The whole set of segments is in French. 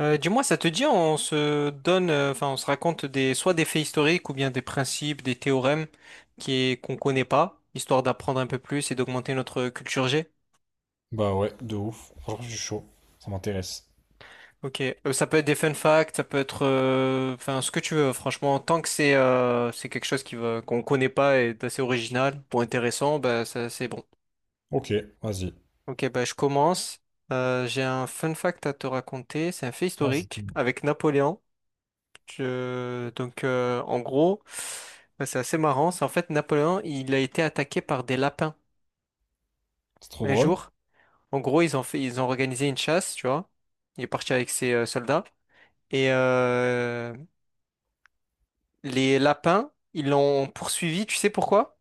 Dis-moi, ça te dit, on se donne, on se raconte des, soit des faits historiques ou bien des principes, des théorèmes qui est, qu'on connaît pas, histoire d'apprendre un peu plus et d'augmenter notre culture G. Bah ouais, de ouf. Franchement, je suis chaud. Ça m'intéresse. Ok. Ça peut être des fun facts, ça peut être, ce que tu veux. Franchement, tant que c'est quelque chose qui va, qu'on connaît pas et d'assez original ou intéressant, bah, ça, c'est bon. Ok, vas-y. Ok, bah, je commence. J'ai un fun fact à te raconter. C'est un fait Vas-y, historique dis-moi. avec Napoléon. En gros, bah, c'est assez marrant. C'est en fait Napoléon, il a été attaqué par des lapins C'est trop un drôle? jour. En gros, ils ont fait, ils ont organisé une chasse, tu vois. Il est parti avec ses soldats. Et euh, les lapins, ils l'ont poursuivi, tu sais pourquoi?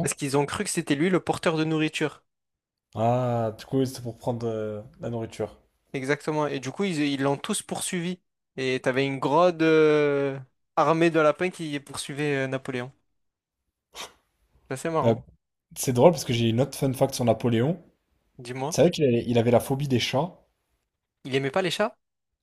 Parce qu'ils ont cru que c'était lui le porteur de nourriture. Ah, du coup, c'est pour prendre la nourriture. Exactement. Et du coup, ils l'ont tous poursuivi. Et t'avais une grande armée de lapins qui poursuivait Napoléon. C'est assez Euh, marrant. c'est drôle parce que j'ai une autre fun fact sur Napoléon. Tu Dis-moi. savais qu'il avait la phobie des chats? Il aimait pas les chats?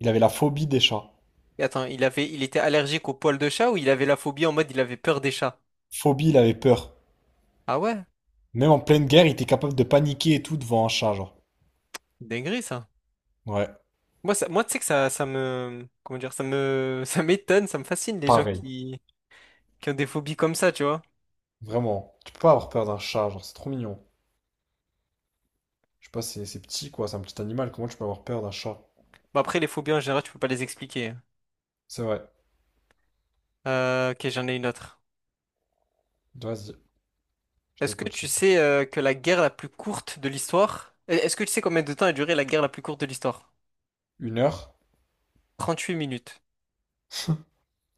Il avait la phobie des chats. Attends, il avait, il était allergique aux poils de chat ou il avait la phobie en mode il avait peur des chats? Phobie, il avait peur. Ah ouais? Même en pleine guerre, il était capable de paniquer et tout devant un chat, genre. Dinguerie ça. Ouais, Moi, tu sais que comment dire, ça m'étonne, ça me fascine les gens pareil. Qui ont des phobies comme ça, tu vois. Vraiment. Tu peux pas avoir peur d'un chat, genre, c'est trop mignon. Je sais pas, c'est petit, quoi. C'est un petit animal. Comment tu peux avoir peur d'un chat? Bon, après, les phobies en général, tu peux pas les expliquer. C'est vrai. Ok, j'en ai une autre. Vas-y, Est-ce que je tu sais t'écoute. Que la guerre la plus courte de l'histoire, est-ce que tu sais combien de temps a duré la guerre la plus courte de l'histoire? Une heure? 38 minutes.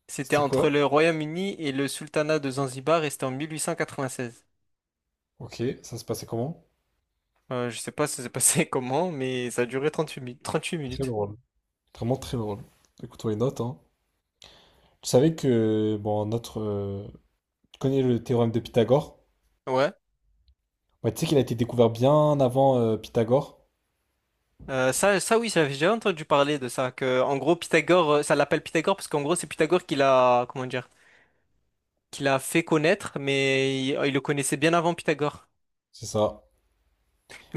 C'était C'était entre quoi? le Royaume-Uni et le Sultanat de Zanzibar et c'était en 1896. Ok, ça se passait comment? Je sais pas ça s'est passé comment, mais ça a duré 38 Très minutes. drôle. Vraiment très drôle. Écoute-moi les notes, hein. Tu savais que, bon, tu connais le théorème de Pythagore? Ouais. Ouais, tu sais qu'il a été découvert bien avant Pythagore? Ça oui, j'avais déjà entendu parler de ça, que en gros Pythagore, ça l'appelle Pythagore parce qu'en gros c'est Pythagore qui l'a, comment dire, qui l'a fait connaître, mais il le connaissait bien avant Pythagore. C'est ça.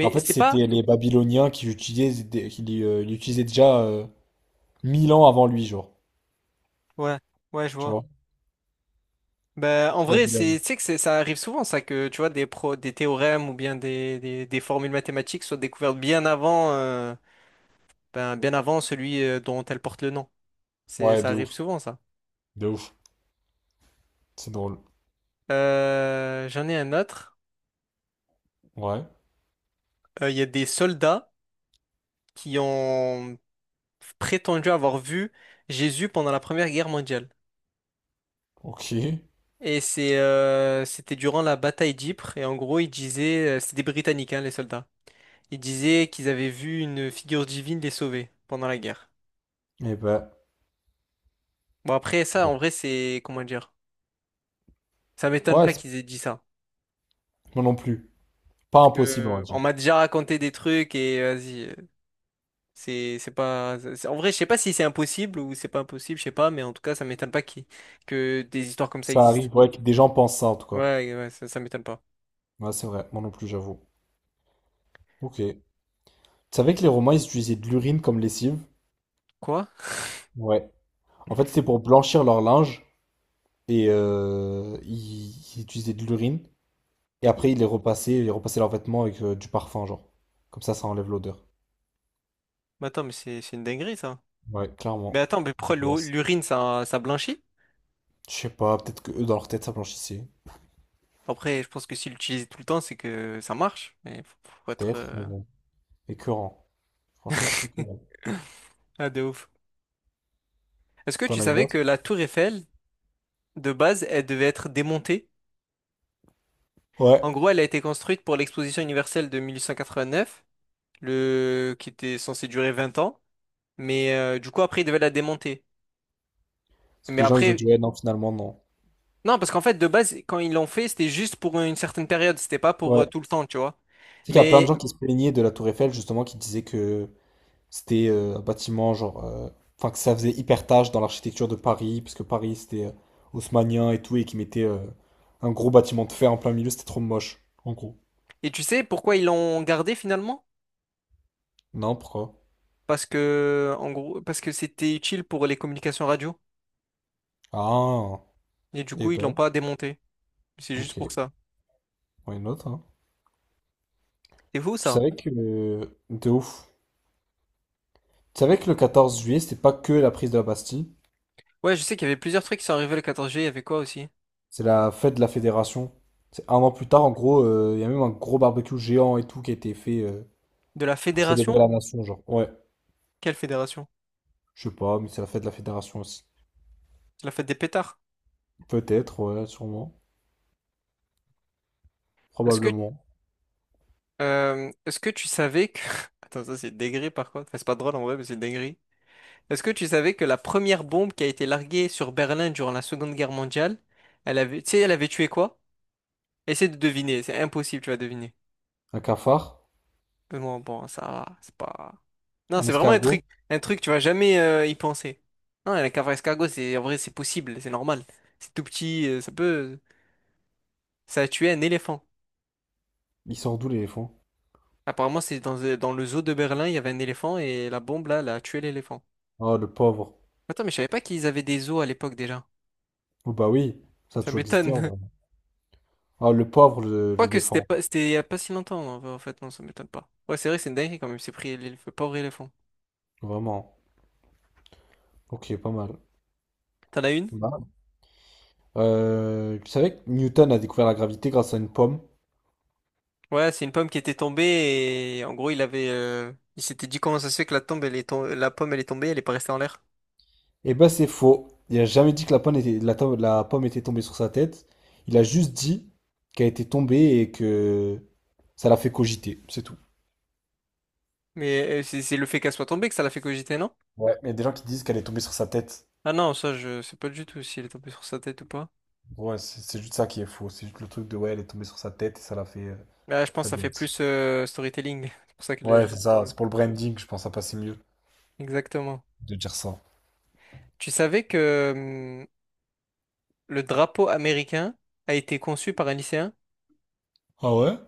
En fait, c'est pas, c'était les Babyloniens qui l'utilisaient déjà 1000 ans avant lui, genre. ouais, ouais, je Tu vois. vois? Ben, en vrai, Babylone. c'est, tu sais que c'est- ça arrive souvent ça que tu vois des pro, des théorèmes ou bien des formules mathématiques soient découvertes bien avant, bien avant celui dont elles portent le nom. C'est, Ouais, ça de arrive ouf. souvent ça. De ouf. C'est drôle. J'en ai un autre. Ouais. Il y a des soldats qui ont prétendu avoir vu Jésus pendant la Première Guerre mondiale. Ok. Eh C'était durant la bataille d'Ypres. Et en gros, ils disaient, c'était des Britanniques, hein, les soldats. Ils disaient qu'ils avaient vu une figure divine les sauver pendant la guerre. ben. Bon, après ça, Bon. en vrai, c'est, comment dire? Ça m'étonne Ouais, pas c'est- qu'ils aient dit ça. moi non plus. Pas Parce impossible, on va que dire. on m'a déjà raconté des trucs et vas-y. C'est pas c'est- En vrai je sais pas si c'est impossible ou c'est pas impossible je sais pas mais en tout cas ça m'étonne pas que des histoires comme ça Ça existent. arrive, ouais, que des gens pensent ça en tout cas. Ouais, ça, ça m'étonne pas. Ouais, c'est vrai, moi non plus, j'avoue. Ok. Tu savais que les Romains, ils utilisaient de l'urine comme lessive? Quoi? Ouais. En fait, c'était pour blanchir leur linge et ils utilisaient de l'urine et Y- après ils repassaient leurs vêtements avec du parfum, genre. Comme ça enlève l'odeur. Mais attends mais c'est une dinguerie ça. Ouais, Mais clairement. attends mais pourquoi Dégueulasse. l'urine ça blanchit? Je sais pas, peut-être que eux dans leur tête ça blanchissait. Après je pense que s'il l'utilise tout le temps c'est que ça marche mais faut, faut être Peut-être, mais bon. Écœurant. Franchement, écœurant. ah de ouf. Est-ce que T'en tu as une savais que autre? la tour Eiffel de base elle devait être démontée? Ouais. En gros elle a été construite pour l'exposition universelle de 1889 le qui était censé durer 20 ans. Mais du coup, après, ils devaient la démonter. Parce que Mais les gens ils ont dit après, ouais, non, finalement, non. non, parce qu'en fait, de base, quand ils l'ont fait, c'était juste pour une certaine période, c'était pas pour Ouais. tout le temps, tu vois. Sais qu'il y a plein de Mais, gens qui se plaignaient de la Tour Eiffel, justement, qui disaient que c'était un bâtiment, que ça faisait hyper tâche dans l'architecture de Paris, puisque Paris, c'était haussmannien et tout, et qui mettait un gros bâtiment de fer en plein milieu, c'était trop moche, en gros. et tu sais pourquoi ils l'ont gardé finalement? Non, pourquoi? Parce que, en gros, parce que c'était utile pour les communications radio. Ah, Et du et coup, ils l'ont ben, pas démonté. C'est ok, juste pour ça. why not, hein. C'est fou, Je ça. savais que, de ouf. Tu savais que le 14 juillet, c'était pas que la prise de la Bastille, Ouais, je sais qu'il y avait plusieurs trucs qui sont arrivés le 14 juillet. Il y avait quoi aussi? c'est la fête de la Fédération. C'est un an plus tard, en gros, il y a même un gros barbecue géant et tout qui a été fait. De la Pour célébrer fédération? la nation, genre. Ouais, Quelle fédération? je sais pas, mais c'est la fête de la fédération aussi. C'est la fête des pétards. Peut-être, ouais, sûrement. Est-ce que, Probablement. Est-ce que tu savais que... Attends, ça c'est dégré par contre. Enfin, c'est pas drôle en vrai, mais c'est dégré. Est-ce que tu savais que la première bombe qui a été larguée sur Berlin durant la Seconde Guerre mondiale, elle avait, tu sais, elle avait tué quoi? Essaie de deviner, c'est impossible, tu vas deviner. Un cafard? Mais bon, bon, ça, va, c'est pas. Non, Un c'est vraiment escargot? un truc, tu vas jamais y penser. Non, la cavale escargot, c'est en vrai, c'est possible, c'est normal. C'est tout petit, ça peut, ça a tué un éléphant. Il sort d'où l'éléphant? Apparemment, c'est dans, dans le zoo de Berlin, il y avait un éléphant et la bombe là, elle a tué l'éléphant. Ah, le pauvre. Attends, mais je savais pas qu'ils avaient des zoos à l'époque déjà. Oh bah oui, ça a Ça toujours existé en m'étonne. vrai. Ah, le pauvre, le- Quoique, c'était l'éléphant. pas, c'était il y a pas si longtemps, en en fait, non, ça m'étonne pas. Ouais, c'est vrai, c'est une dinguerie quand même, c'est pris le pauvre éléphant. Vraiment. Ok, pas mal. T'en as une? Bah, tu savais que Newton a découvert la gravité grâce à une pomme? Ouais, c'est une pomme qui était tombée et en gros, il s'était dit comment ça se fait que la tombe, la pomme, elle est tombée, elle est pas restée en l'air. Eh ben c'est faux. Il a jamais dit que la pomme était tombée sur sa tête. Il a juste dit qu'elle était tombée et que ça l'a fait cogiter. C'est tout. Mais c'est le fait qu'elle soit tombée que ça l'a fait cogiter, non? Ouais, mais il y a des gens qui disent qu'elle est tombée sur sa tête. Ah non, ça, je sais pas du tout s'il est tombé sur sa tête ou pas. Ouais, c'est juste ça qui est faux. C'est juste le truc de ouais, elle est tombée sur sa tête et ça l'a fait, Là, je pense ça que ça lui a fait dit. plus storytelling. C'est pour ça que là, Ouais, je- c'est ça. C'est pour le branding, je pense, ça passait mieux Exactement. de dire ça. Tu savais que hum, le drapeau américain a été conçu par un lycéen Ah ouais?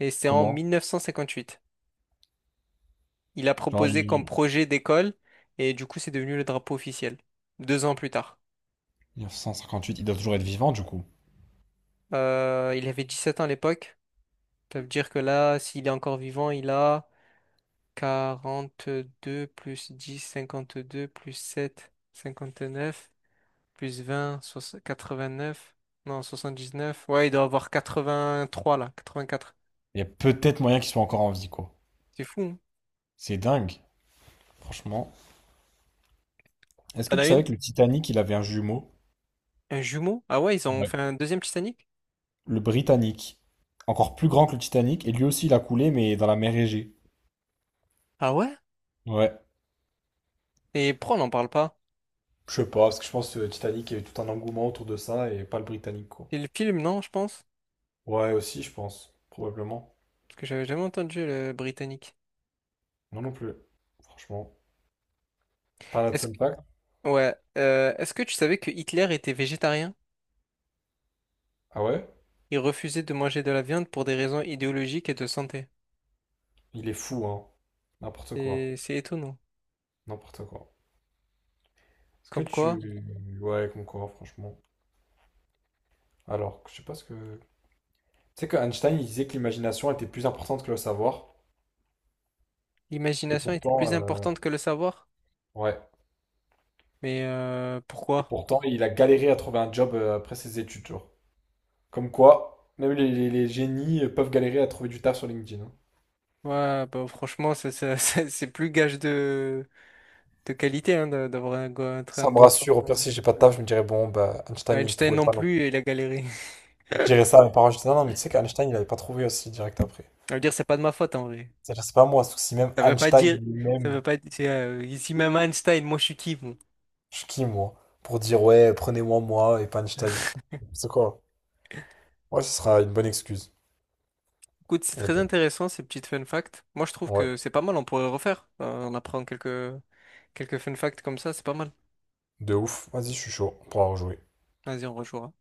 et c'était en Comment? 1958. Il a Genre, proposé comme il... projet d'école et du coup c'est devenu le drapeau officiel, 2 ans plus tard. 1958, il doit toujours être vivant, du coup. Il avait 17 ans à l'époque, ça veut dire que là, s'il est encore vivant, il a 42 plus 10 52 plus 7 59 plus 20, soix- neuf non 79 ouais il doit avoir 83 là, 84. Il y a peut-être moyen qu'il soit encore en vie, quoi. C'est fou, hein. C'est dingue, franchement. Est-ce que T'en as tu une? savais que le Titanic, il avait un jumeau? Un jumeau? Ah ouais, ils ont Ouais. fait un deuxième Titanic? Le Britannique. Encore plus grand que le Titanic, et lui aussi, il a coulé, mais dans la mer Égée. Ah ouais? Ouais. Et pourquoi on n'en parle pas? Je sais pas, parce que je pense que Titanic, il y a eu tout un engouement autour de ça et pas le britannique, quoi. C'est le film, non, je pense? Ouais, aussi, je pense, probablement. Parce que j'avais jamais entendu le britannique. Non non plus, franchement. Pas de Est-ce fun que... fact. Ouais. Est-ce que tu savais que Hitler était végétarien? Ah ouais? Il refusait de manger de la viande pour des raisons idéologiques et de santé. Il est fou, hein. N'importe C'est quoi. c'est étonnant. N'importe quoi. Est-ce que Comme quoi, tu. Ouais, comme quoi, franchement. Alors, je sais pas ce que. Tu sais que Einstein, il disait que l'imagination était plus importante que le savoir. Et l'imagination était pourtant, plus importante que le savoir. ouais. Mais Et pourquoi? pourtant, il a galéré à trouver un job après ses études, genre. Comme quoi, les génies peuvent galérer à trouver du taf sur LinkedIn. Hein. Ouais, bah franchement, c'est plus gage de qualité hein, de- d'avoir un, un très- un Ça me bon... rassure. Au travail. pire, si j'ai pas de taf, je me dirais, bon, bah, Einstein, il ne Einstein trouvait non pas non plus, plus. il a galéré. Je dirais ça à mes parents, je disais, non, non, mais tu sais qu'Einstein, il avait pas trouvé aussi direct après. Ça veut dire, c'est pas de ma faute en vrai. C'est-à-dire, c'est pas moi, sauf si même Ça veut pas Einstein dire... Ça lui-même, veut pas dire... ici même Einstein, moi je suis qui, bon. je suis qui, moi, pour dire, ouais, prenez-moi, moi, et pas Einstein. C'est quoi? Ouais, ce sera une bonne excuse. Écoute, c'est Et très ben, intéressant ces petites fun facts. Moi, je trouve ouais, que c'est pas mal, on pourrait refaire. On apprend quelques, quelques fun facts comme ça, c'est pas mal. de ouf. Vas-y, je suis chaud. On pourra rejouer. Vas-y, on rejouera.